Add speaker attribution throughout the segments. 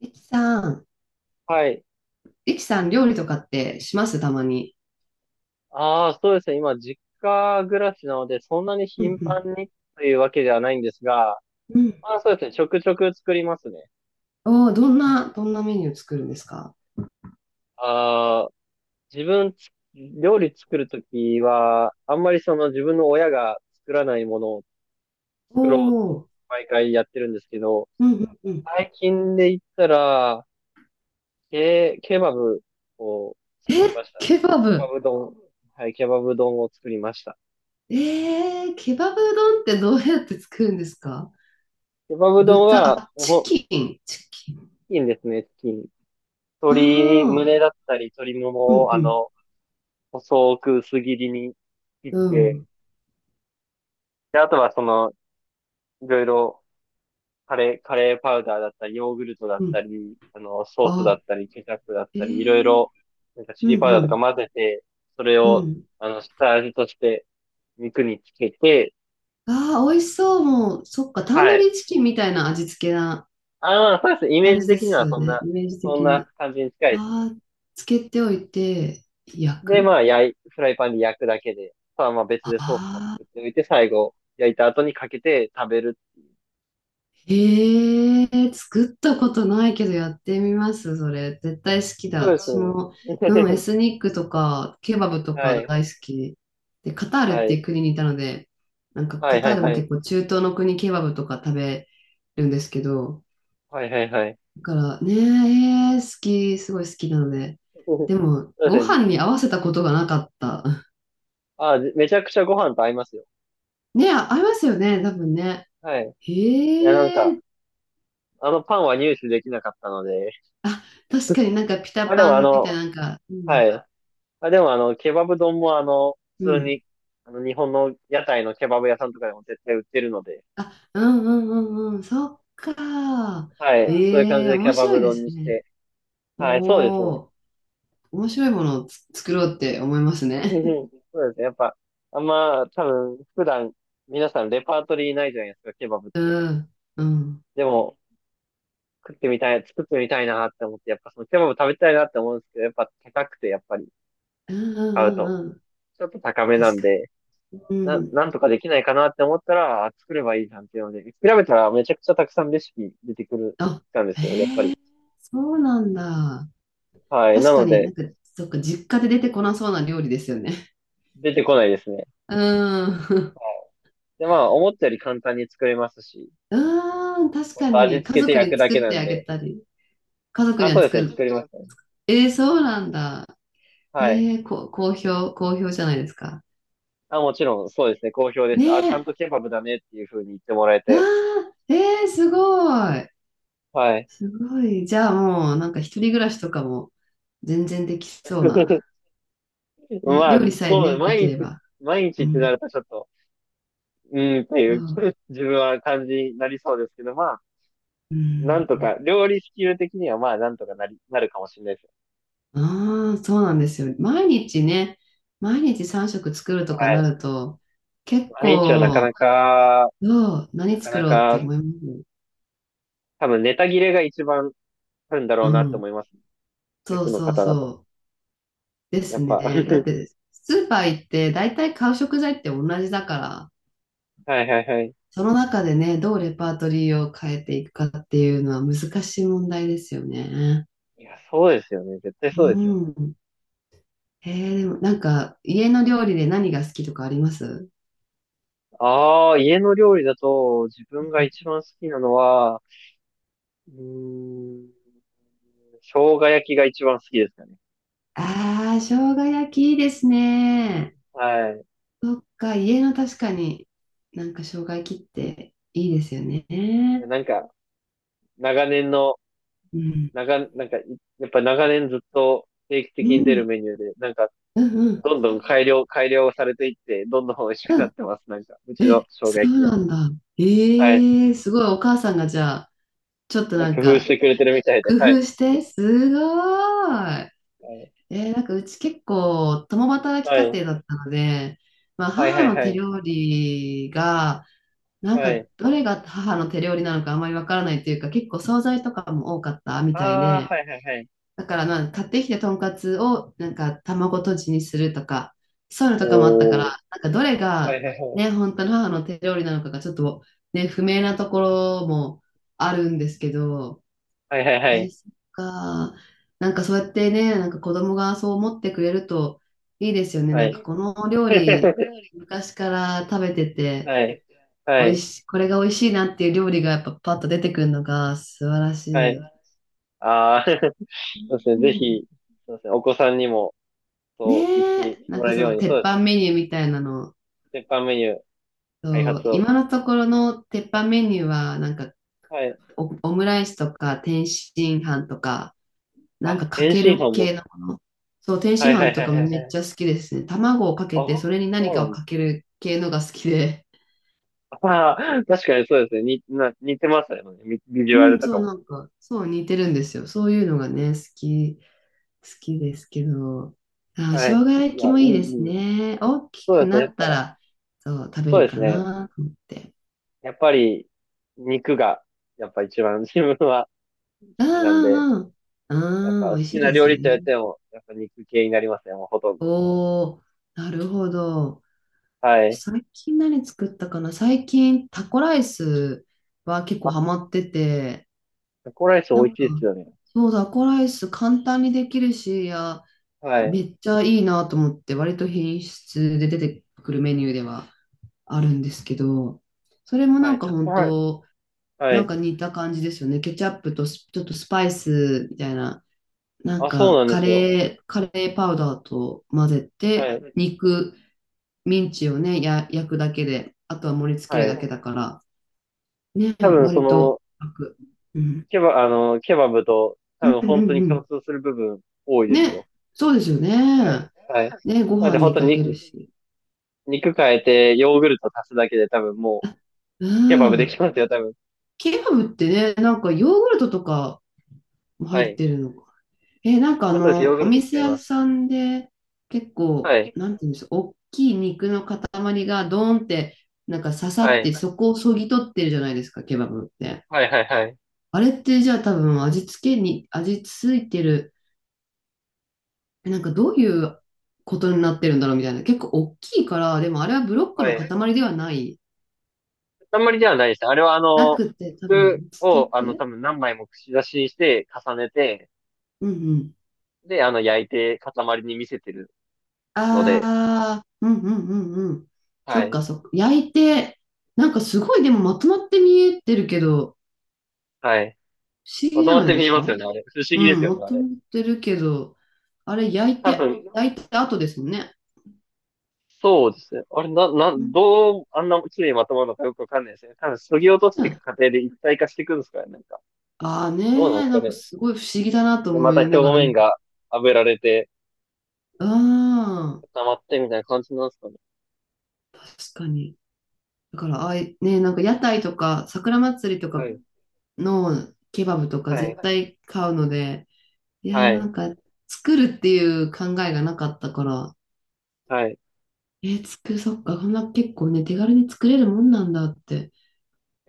Speaker 1: リキさん、
Speaker 2: はい。
Speaker 1: リキさん、料理とかってしますたまに。
Speaker 2: そうですね。今、実家暮らしなので、そんなに
Speaker 1: う
Speaker 2: 頻
Speaker 1: ん
Speaker 2: 繁にというわけではないんですが、
Speaker 1: うん。うん。
Speaker 2: まあそうですね。ちょくちょく作りますね。
Speaker 1: おー、どんなメニュー作るんですか？
Speaker 2: ああ、自分つ、料理作るときは、あんまり自分の親が作らないものを
Speaker 1: お
Speaker 2: 作ろうって
Speaker 1: ー、
Speaker 2: 毎回やってるんですけど、
Speaker 1: うんうんうん。
Speaker 2: 最近で言ったら、ケバブを作
Speaker 1: え、
Speaker 2: りましたね。
Speaker 1: ケバ
Speaker 2: ケバ
Speaker 1: ブ。
Speaker 2: ブ丼。はい、ケバブ丼を作りました。
Speaker 1: えー、ケバブ丼ってどうやって作るんですか？
Speaker 2: ケバブ丼
Speaker 1: 豚、
Speaker 2: は、
Speaker 1: あ、チ
Speaker 2: お、
Speaker 1: キン、チキン。
Speaker 2: チキンですね、チキン。
Speaker 1: あ
Speaker 2: 鶏
Speaker 1: あ、
Speaker 2: 胸だったり、鶏も
Speaker 1: う
Speaker 2: も
Speaker 1: ん
Speaker 2: を、
Speaker 1: うん、
Speaker 2: 細く薄切りに切っ
Speaker 1: う
Speaker 2: て、
Speaker 1: ん、
Speaker 2: で、あとはその、いろいろ、カレーパウダーだったり、ヨーグルトだっ
Speaker 1: う
Speaker 2: た
Speaker 1: ん。
Speaker 2: り、ソースだ
Speaker 1: あ、
Speaker 2: ったり、ケチャップだっ
Speaker 1: え
Speaker 2: たり、いろい
Speaker 1: ー、
Speaker 2: ろ、なんかチ
Speaker 1: う
Speaker 2: リパ
Speaker 1: ん
Speaker 2: ウ
Speaker 1: う
Speaker 2: ダーとか
Speaker 1: ん、
Speaker 2: 混ぜて、それ
Speaker 1: う
Speaker 2: を、
Speaker 1: ん。
Speaker 2: 下味として肉につけて、
Speaker 1: ああ、美味しそう。もう、そっか、タン
Speaker 2: は
Speaker 1: ド
Speaker 2: い。
Speaker 1: リーチキンみたいな味付けな
Speaker 2: ああ、そうです。イメー
Speaker 1: 感
Speaker 2: ジ
Speaker 1: じで
Speaker 2: 的に
Speaker 1: す
Speaker 2: は
Speaker 1: よ
Speaker 2: そん
Speaker 1: ね。
Speaker 2: な、
Speaker 1: イメージ
Speaker 2: そん
Speaker 1: 的
Speaker 2: な
Speaker 1: に。
Speaker 2: 感じに近いですね。
Speaker 1: ああ、つけておいて、焼
Speaker 2: で、
Speaker 1: く。
Speaker 2: まあ、フライパンで焼くだけで、あとはまあ別で
Speaker 1: あ
Speaker 2: ソースも
Speaker 1: あ
Speaker 2: 作っておいて、最後、焼いた後にかけて食べる。
Speaker 1: ー、へえ、作ったことないけどやってみます、それ。絶対好きだ。
Speaker 2: そうです
Speaker 1: 私
Speaker 2: ね。
Speaker 1: も、うん、エスニックとか、ケバブ と
Speaker 2: は
Speaker 1: か大好
Speaker 2: い。
Speaker 1: き。で、カタール
Speaker 2: は
Speaker 1: っていう
Speaker 2: い。
Speaker 1: 国にいたので、なんか
Speaker 2: は
Speaker 1: カ
Speaker 2: いは
Speaker 1: ター
Speaker 2: い
Speaker 1: ル
Speaker 2: は
Speaker 1: も
Speaker 2: い。
Speaker 1: 結構中東の国ケバブとか食べるんですけど、
Speaker 2: はいはいはい。
Speaker 1: だからね、えー好き、すごい好きなので。
Speaker 2: そ
Speaker 1: でも、
Speaker 2: うで
Speaker 1: ご
Speaker 2: すね。
Speaker 1: 飯に合わせたことがなかった。
Speaker 2: あ、めちゃくちゃご飯と合いますよ。
Speaker 1: ね、あ、ありますよね、多分ね。
Speaker 2: はい。いや、なん
Speaker 1: へ
Speaker 2: か、
Speaker 1: え、
Speaker 2: あのパンは入手できなかったので、
Speaker 1: あ、確かになんかピタ
Speaker 2: まあで
Speaker 1: パ
Speaker 2: もあ
Speaker 1: ンみ
Speaker 2: の、
Speaker 1: たいな、なんか、う
Speaker 2: は
Speaker 1: ん、
Speaker 2: い。まあでもあの、ケバブ丼も
Speaker 1: う
Speaker 2: 普通
Speaker 1: ん。
Speaker 2: に、日本の屋台のケバブ屋さんとかでも絶対売ってるので、
Speaker 1: あ、うんうんうんうん、そっか。
Speaker 2: はい。そういう感
Speaker 1: え
Speaker 2: じ
Speaker 1: え、
Speaker 2: でケ
Speaker 1: 面
Speaker 2: バ
Speaker 1: 白
Speaker 2: ブ
Speaker 1: いで
Speaker 2: 丼に
Speaker 1: す
Speaker 2: し
Speaker 1: ね。
Speaker 2: て、はい、そうです
Speaker 1: お
Speaker 2: ね。
Speaker 1: お、面白いものをつ作ろうって思います
Speaker 2: う
Speaker 1: ね。
Speaker 2: んそうですね。やっぱ、あんま、多分、普段、皆さんレパートリーないじゃないですか、ケバブって。
Speaker 1: うん、うん、
Speaker 2: でも、食ってみたい、作ってみたいなって思って、やっぱそのケバブ食べたいなって思うんですけど、やっぱ高くて、やっぱり、
Speaker 1: うんう
Speaker 2: 買う
Speaker 1: んう
Speaker 2: と、
Speaker 1: んうん、
Speaker 2: ちょっと高めな
Speaker 1: 確
Speaker 2: ん
Speaker 1: か
Speaker 2: で、
Speaker 1: に。うん、
Speaker 2: なんとかできないかなって思ったら、あ作ればいいじゃんっていうので、調べたらめちゃくちゃたくさんレシピ出てくる、
Speaker 1: あ、
Speaker 2: たんですよ、やっぱり。
Speaker 1: そうなんだ。
Speaker 2: はい。な
Speaker 1: 確か
Speaker 2: の
Speaker 1: にな
Speaker 2: で、
Speaker 1: んか、そっか、実家で出てこなそうな料理ですよね。
Speaker 2: 出てこないですね。
Speaker 1: うーん。
Speaker 2: で、まあ、思ったより簡単に作れますし、
Speaker 1: うーん、確
Speaker 2: ほん
Speaker 1: か
Speaker 2: と味
Speaker 1: に。家
Speaker 2: 付けて
Speaker 1: 族
Speaker 2: 焼く
Speaker 1: に
Speaker 2: だけ
Speaker 1: 作っ
Speaker 2: な
Speaker 1: て
Speaker 2: ん
Speaker 1: あげ
Speaker 2: で、
Speaker 1: たり、家族
Speaker 2: あ、
Speaker 1: に
Speaker 2: そう
Speaker 1: は
Speaker 2: です
Speaker 1: 作
Speaker 2: ね、
Speaker 1: る。
Speaker 2: 作りましたね。
Speaker 1: えー、そうなんだ。え
Speaker 2: はい。
Speaker 1: ー、こ、好評じゃないですか？
Speaker 2: あ、もちろん、そうですね。好評です。あ、
Speaker 1: ね
Speaker 2: ちゃん
Speaker 1: え。
Speaker 2: とケバブだねっていう風に言ってもらえ
Speaker 1: あ
Speaker 2: て。
Speaker 1: ー、えー、すごい。
Speaker 2: はい。
Speaker 1: すごい。じゃあもう、なんか一人暮らしとかも全然できそうな。ね、
Speaker 2: まあ、
Speaker 1: 料理さえね、できれば。
Speaker 2: 毎日
Speaker 1: う
Speaker 2: ってな
Speaker 1: ん。
Speaker 2: るとちょっと、うーんってい
Speaker 1: そ
Speaker 2: う
Speaker 1: う。
Speaker 2: 自分は感じになりそうですけど、まあ、
Speaker 1: う
Speaker 2: な
Speaker 1: ん。
Speaker 2: んとか、料理スキル的にはまあ、なるかもしれないですよ。
Speaker 1: ああ、そうなんですよ。毎日ね、毎日3食作るとか
Speaker 2: は
Speaker 1: な
Speaker 2: い。
Speaker 1: ると、結
Speaker 2: 毎日はなかな
Speaker 1: 構、
Speaker 2: か、
Speaker 1: どう、何
Speaker 2: なか
Speaker 1: 作
Speaker 2: な
Speaker 1: ろうって
Speaker 2: か、
Speaker 1: 思います。
Speaker 2: 多分ネタ切れが一番あるんだろ
Speaker 1: う
Speaker 2: うなと
Speaker 1: ん。
Speaker 2: 思います。主
Speaker 1: そう
Speaker 2: 婦の
Speaker 1: そう
Speaker 2: 方だと。
Speaker 1: そう。で
Speaker 2: や
Speaker 1: す
Speaker 2: っぱ。
Speaker 1: ね。だっ て、スーパー行って、大体買う食材って同じだから、
Speaker 2: はいはいはい。
Speaker 1: その中でね、どうレパートリーを変えていくかっていうのは難しい問題ですよね。
Speaker 2: いや、そうですよね。絶対
Speaker 1: う
Speaker 2: そうですよね。
Speaker 1: ん。えー、でもなんか、家の料理で何が好きとかあります？
Speaker 2: ああ、家の料理だと自分が一番好きなのは、うーん、生姜焼きが一番好きですかね。
Speaker 1: ああー、生姜焼きいいですね。
Speaker 2: は
Speaker 1: そっか、家の確かになんか障害切っていいですよ
Speaker 2: い。
Speaker 1: ね。
Speaker 2: なんか、長年の、
Speaker 1: うん。
Speaker 2: 長、なんか、いやっぱ長年ずっと定期
Speaker 1: う
Speaker 2: 的に出る
Speaker 1: ん。
Speaker 2: メニューで、なんか、
Speaker 1: うんうん。
Speaker 2: どんどん改良、改良されていって、どんどん美味しく
Speaker 1: う
Speaker 2: なっ
Speaker 1: ん。
Speaker 2: てます。なんか、うちの
Speaker 1: え、
Speaker 2: 生姜
Speaker 1: そう
Speaker 2: 焼きが。
Speaker 1: なんだ。
Speaker 2: はい。
Speaker 1: ええすごい。お母さんがじゃあ、ちょっと
Speaker 2: な
Speaker 1: な
Speaker 2: ん
Speaker 1: ん
Speaker 2: か工夫し
Speaker 1: か
Speaker 2: てくれてるみたいで。
Speaker 1: 工
Speaker 2: はい。
Speaker 1: 夫して、すごーい。
Speaker 2: は
Speaker 1: えーなんかうち結構共働き家
Speaker 2: い。
Speaker 1: 庭だったので、まあ
Speaker 2: はいは
Speaker 1: 母
Speaker 2: い
Speaker 1: の
Speaker 2: は
Speaker 1: 手
Speaker 2: い。
Speaker 1: 料理が、なん
Speaker 2: は
Speaker 1: か
Speaker 2: い。
Speaker 1: どれが母の手料理なのかあまりわからないというか、結構惣菜とかも多かったみたい
Speaker 2: ああ、
Speaker 1: で、
Speaker 2: はいはいはい。
Speaker 1: だからなんか買ってきてとんかつをなんか卵とじにするとか、そういうのとかもあったから、
Speaker 2: おー。
Speaker 1: なんかどれ
Speaker 2: はい
Speaker 1: が
Speaker 2: はいはい。
Speaker 1: ね、本当の母の手料理なのかがちょっとね、不明なところもあるんですけど、
Speaker 2: はいはいは
Speaker 1: え、
Speaker 2: い。
Speaker 1: そっか。なんかそうやってね、なんか子供がそう思ってくれるといいですよね。
Speaker 2: は
Speaker 1: なんか
Speaker 2: い。
Speaker 1: この料理、昔から食べてて、
Speaker 2: はい。は
Speaker 1: 美味
Speaker 2: い。
Speaker 1: し、これが美味しいなっていう料理がやっぱパッと出てくるのが素晴らし
Speaker 2: はい。
Speaker 1: い。
Speaker 2: ああ、そうですね。
Speaker 1: う
Speaker 2: ぜ
Speaker 1: ん
Speaker 2: ひ、そうですね。お子さんにも、
Speaker 1: ね
Speaker 2: そう言って
Speaker 1: え、な
Speaker 2: も
Speaker 1: ん
Speaker 2: ら
Speaker 1: か
Speaker 2: える
Speaker 1: そ
Speaker 2: よう
Speaker 1: の
Speaker 2: に、そ
Speaker 1: 鉄
Speaker 2: うです
Speaker 1: 板
Speaker 2: ね。
Speaker 1: メニューみたいなの、
Speaker 2: 鉄板メニュー開
Speaker 1: そう
Speaker 2: 発
Speaker 1: 今
Speaker 2: を。
Speaker 1: のところの鉄板メニューは、なんか
Speaker 2: はい。
Speaker 1: オ、オムライスとか天津飯とか、なん
Speaker 2: あ、
Speaker 1: かか
Speaker 2: 天
Speaker 1: け
Speaker 2: 津飯
Speaker 1: る
Speaker 2: も。
Speaker 1: 系のもの。そう、天
Speaker 2: は
Speaker 1: 津
Speaker 2: いは
Speaker 1: 飯
Speaker 2: いは
Speaker 1: と
Speaker 2: い
Speaker 1: か
Speaker 2: はい
Speaker 1: めっ
Speaker 2: はい。
Speaker 1: ちゃ好きですね。卵をか
Speaker 2: あ、
Speaker 1: けて、それに何
Speaker 2: そうな
Speaker 1: かを
Speaker 2: んで
Speaker 1: かける系のが好きで。
Speaker 2: すああ、確かにそうですね。似てますよね。ビビジ
Speaker 1: う
Speaker 2: ュアル
Speaker 1: ん、
Speaker 2: と
Speaker 1: そ
Speaker 2: か
Speaker 1: う、
Speaker 2: も。
Speaker 1: なんか、そう似てるんですよ。そういうのがね、好きですけど。あ、生
Speaker 2: はい。
Speaker 1: 姜焼きもいいです
Speaker 2: いい。
Speaker 1: ね。大き
Speaker 2: そ
Speaker 1: く
Speaker 2: うです
Speaker 1: な
Speaker 2: ね。やっ
Speaker 1: った
Speaker 2: ぱ、
Speaker 1: ら、そう、食べ
Speaker 2: そう
Speaker 1: る
Speaker 2: です
Speaker 1: か
Speaker 2: ね。
Speaker 1: なと思って。
Speaker 2: やっぱり、肉が、やっぱ一番自分は好
Speaker 1: あ
Speaker 2: きなんで、
Speaker 1: あああ
Speaker 2: やっ
Speaker 1: ああ
Speaker 2: ぱ好
Speaker 1: 美味し
Speaker 2: き
Speaker 1: い
Speaker 2: な
Speaker 1: で
Speaker 2: 料
Speaker 1: す
Speaker 2: 理
Speaker 1: よ
Speaker 2: って言
Speaker 1: ね。
Speaker 2: っても、やっぱ肉系になりますね。もうほとんど。
Speaker 1: おおなるほど。
Speaker 2: はい。
Speaker 1: 最近何作ったかな最近タコライスは結構
Speaker 2: あ、
Speaker 1: ハマってて、
Speaker 2: タコライス美
Speaker 1: な
Speaker 2: 味し
Speaker 1: ん
Speaker 2: い
Speaker 1: か、
Speaker 2: ですよね。
Speaker 1: そう、タコライス簡単にできるし、いや、
Speaker 2: はい。
Speaker 1: めっちゃいいなと思って、割と品質で出てくるメニューではあるんですけど、それもな
Speaker 2: は
Speaker 1: ん
Speaker 2: い、
Speaker 1: か
Speaker 2: タコ
Speaker 1: 本
Speaker 2: ライス。
Speaker 1: 当、
Speaker 2: は
Speaker 1: なん
Speaker 2: い。
Speaker 1: か似た感じですよね。ケチャップとスちょっとスパイスみたいな。なん
Speaker 2: あ、そう
Speaker 1: か、
Speaker 2: なんで
Speaker 1: カ
Speaker 2: すよ。
Speaker 1: レー、カレーパウダーと混ぜ
Speaker 2: は
Speaker 1: て、
Speaker 2: い。
Speaker 1: 肉、ミンチをね、や、焼くだけで、あとは盛り付け
Speaker 2: は
Speaker 1: る
Speaker 2: い。
Speaker 1: だけだから、ね、
Speaker 2: 多分、
Speaker 1: 割と楽。うん。
Speaker 2: ケバブと、多
Speaker 1: うん
Speaker 2: 分、
Speaker 1: うん
Speaker 2: 本当
Speaker 1: う
Speaker 2: に共
Speaker 1: ん。
Speaker 2: 通する部分、多いですよ。
Speaker 1: ね、そうですよ
Speaker 2: はい。
Speaker 1: ね。
Speaker 2: はい。
Speaker 1: ね、ご
Speaker 2: なん
Speaker 1: 飯
Speaker 2: で、本
Speaker 1: に
Speaker 2: 当に
Speaker 1: かける
Speaker 2: 肉、
Speaker 1: し。
Speaker 2: 肉変えて、ヨーグルト足すだけで、多分、ケバ
Speaker 1: う
Speaker 2: ブでき
Speaker 1: ん。
Speaker 2: ますよ、多分。
Speaker 1: ケバブってね、なんかヨーグルトとかも
Speaker 2: は
Speaker 1: 入っ
Speaker 2: い。
Speaker 1: てるの？え、なんかあ
Speaker 2: あ、そうです。ヨー
Speaker 1: の、
Speaker 2: グ
Speaker 1: お
Speaker 2: ルト使
Speaker 1: 店
Speaker 2: い
Speaker 1: 屋
Speaker 2: ます。
Speaker 1: さんで結
Speaker 2: は
Speaker 1: 構、
Speaker 2: い。
Speaker 1: なんていうんですか、大きい肉の塊がドーンって、なんか刺さ
Speaker 2: は
Speaker 1: っ
Speaker 2: い。
Speaker 1: て、そこをそぎ取ってるじゃないですか、ケバブって。
Speaker 2: はい、はい、はい。
Speaker 1: あれってじゃあ多分味付けに、味付いてる、なんかどういうことになってるんだろうみたいな。結構大きいから、でもあれはブロック
Speaker 2: は
Speaker 1: の
Speaker 2: い。
Speaker 1: 塊ではない、
Speaker 2: あんまりではないです。あれは、あ
Speaker 1: な
Speaker 2: の、
Speaker 1: くて、多
Speaker 2: 服
Speaker 1: 分、つけ
Speaker 2: を、あの、
Speaker 1: て、
Speaker 2: 多分何枚も串刺しにして、重ねて、
Speaker 1: うん
Speaker 2: で、焼いて塊に見せてるので、
Speaker 1: ああ、うんうんうんうん。そ
Speaker 2: は
Speaker 1: っ
Speaker 2: い。
Speaker 1: かそっか。焼いて、なんかすごいでもまとまって見えてるけど、
Speaker 2: はい。
Speaker 1: 不思
Speaker 2: ま
Speaker 1: 議じ
Speaker 2: と
Speaker 1: ゃ
Speaker 2: まっ
Speaker 1: ない
Speaker 2: て
Speaker 1: で
Speaker 2: 見
Speaker 1: す
Speaker 2: えます
Speaker 1: か？
Speaker 2: よね、あれ。不思
Speaker 1: う
Speaker 2: 議です
Speaker 1: ん、
Speaker 2: よ
Speaker 1: ま
Speaker 2: ね、あ
Speaker 1: と
Speaker 2: れ。
Speaker 1: まってるけど、あれ焼い
Speaker 2: 多
Speaker 1: て、
Speaker 2: 分、
Speaker 1: 焼いた後ですもんね。
Speaker 2: そうですね。あれ、な、な、
Speaker 1: うん
Speaker 2: どう、あんな綺麗にまとまるのかよくわかんないですね。多分、削ぎ落とし
Speaker 1: ね
Speaker 2: ていく過程で一体化していくんですからね、なんか。
Speaker 1: ああね
Speaker 2: どうなんで
Speaker 1: え、
Speaker 2: す
Speaker 1: な
Speaker 2: か
Speaker 1: んか
Speaker 2: ね。
Speaker 1: すごい不思議だなと
Speaker 2: で、ま
Speaker 1: 思
Speaker 2: た
Speaker 1: い
Speaker 2: 表
Speaker 1: ながら
Speaker 2: 面
Speaker 1: 見て。
Speaker 2: が炙られて、
Speaker 1: あ
Speaker 2: 固まってみたいな感じなんですかね。
Speaker 1: あ、確かに。だから、ああい、ねえ、なんか屋台とか、桜祭りと
Speaker 2: は
Speaker 1: か
Speaker 2: い。
Speaker 1: のケバブとか
Speaker 2: はい。
Speaker 1: 絶対買うので、いや、
Speaker 2: は
Speaker 1: なん
Speaker 2: い。
Speaker 1: か、作るっていう考えがなかったから、
Speaker 2: はい。
Speaker 1: えー、作る、そっか、こんな結構ね、手軽に作れるもんなんだって、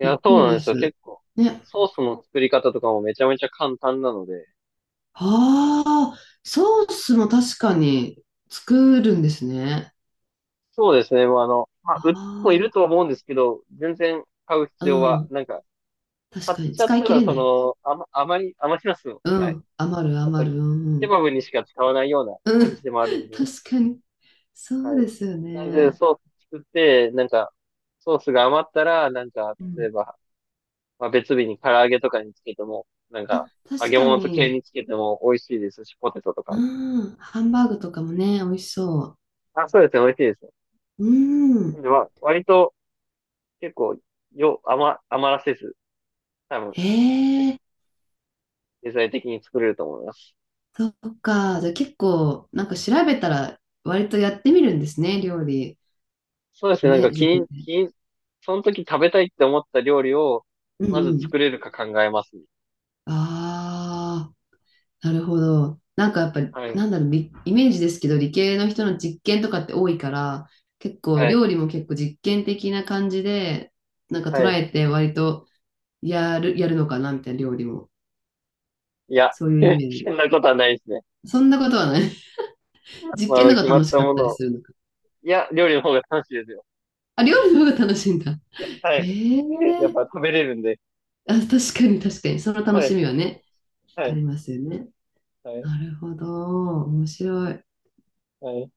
Speaker 2: いや、
Speaker 1: っく
Speaker 2: そう
Speaker 1: り
Speaker 2: なん
Speaker 1: で
Speaker 2: ですよ。
Speaker 1: す。
Speaker 2: 結構、
Speaker 1: ね。
Speaker 2: ソースの作り方とかもめちゃめちゃ簡単なので、
Speaker 1: ああ、ソースも確かに作るんですね。
Speaker 2: そうですね。もうまあ、売ってもいる
Speaker 1: あ
Speaker 2: とは思うんですけど、全然買う
Speaker 1: あ、
Speaker 2: 必要
Speaker 1: う
Speaker 2: は、
Speaker 1: ん。
Speaker 2: なんか、
Speaker 1: 確
Speaker 2: 買っ
Speaker 1: かに、
Speaker 2: ちゃっ
Speaker 1: 使い
Speaker 2: た
Speaker 1: 切
Speaker 2: ら、
Speaker 1: れ
Speaker 2: そ
Speaker 1: ない。
Speaker 2: の、あまり、余りますよ。
Speaker 1: う
Speaker 2: はい。
Speaker 1: ん。余る、
Speaker 2: やっぱり、
Speaker 1: 余る、うん、う
Speaker 2: ケ
Speaker 1: ん。
Speaker 2: バブにしか使わないような
Speaker 1: う
Speaker 2: 感
Speaker 1: ん、
Speaker 2: じでもあるの で、
Speaker 1: 確かに。そ
Speaker 2: は
Speaker 1: うで
Speaker 2: い。
Speaker 1: すよ
Speaker 2: なんで、
Speaker 1: ね。
Speaker 2: ソース作って、なんか、ソースが余ったら、なんか、
Speaker 1: う
Speaker 2: 例え
Speaker 1: ん。
Speaker 2: ば、まあ、別日に唐揚げとかにつけても、なん
Speaker 1: あ、
Speaker 2: か、揚
Speaker 1: 確
Speaker 2: げ
Speaker 1: か
Speaker 2: 物と系
Speaker 1: に。
Speaker 2: につけても美味しいですし、ポテトと
Speaker 1: う
Speaker 2: か。
Speaker 1: ん。ハンバーグとかもね、美味しそ
Speaker 2: あ、そうですね、美味しいですね。
Speaker 1: う。う
Speaker 2: なん
Speaker 1: ん。
Speaker 2: で、まあ、割と、結構、余らせず、多分、
Speaker 1: ええ
Speaker 2: 経済的に作れると思います。
Speaker 1: そっか。じゃあ結構、なんか調べたら、割とやってみるんですね、料理。
Speaker 2: そうですね、
Speaker 1: ね、自分で。
Speaker 2: 気に、その時食べたいって思った料理を、
Speaker 1: う
Speaker 2: まず
Speaker 1: んうん。
Speaker 2: 作れるか考えますね。
Speaker 1: ああ、なるほど。なんかやっぱり、
Speaker 2: はい、
Speaker 1: なんだろう、りイメージですけど、理系の人の実験とかって多いから、結構、
Speaker 2: はい、
Speaker 1: 料理も結構実験的な感じで、なんか
Speaker 2: は
Speaker 1: 捉
Speaker 2: い。
Speaker 1: えて、割とやるのかな、みたいな料理も。
Speaker 2: いや、
Speaker 1: そういうイ メー
Speaker 2: そ
Speaker 1: ジ。
Speaker 2: んなことはないですね。
Speaker 1: そんなことはない。
Speaker 2: ま
Speaker 1: 実
Speaker 2: あ、あ
Speaker 1: 験
Speaker 2: の、
Speaker 1: の方
Speaker 2: 決
Speaker 1: が
Speaker 2: まっ
Speaker 1: 楽し
Speaker 2: た
Speaker 1: かっ
Speaker 2: も
Speaker 1: た
Speaker 2: の
Speaker 1: り
Speaker 2: を。
Speaker 1: するのか。
Speaker 2: いや、料理の方が楽しいですよ。
Speaker 1: あ、料理の方が楽しいんだ。
Speaker 2: はい。
Speaker 1: ええ
Speaker 2: やっぱ食べれるんで。
Speaker 1: あ、確かに、その楽
Speaker 2: は
Speaker 1: し
Speaker 2: い、
Speaker 1: みはね、
Speaker 2: は
Speaker 1: あ
Speaker 2: い、
Speaker 1: りますよね。
Speaker 2: はい、
Speaker 1: なるほど、面白い。
Speaker 2: はい。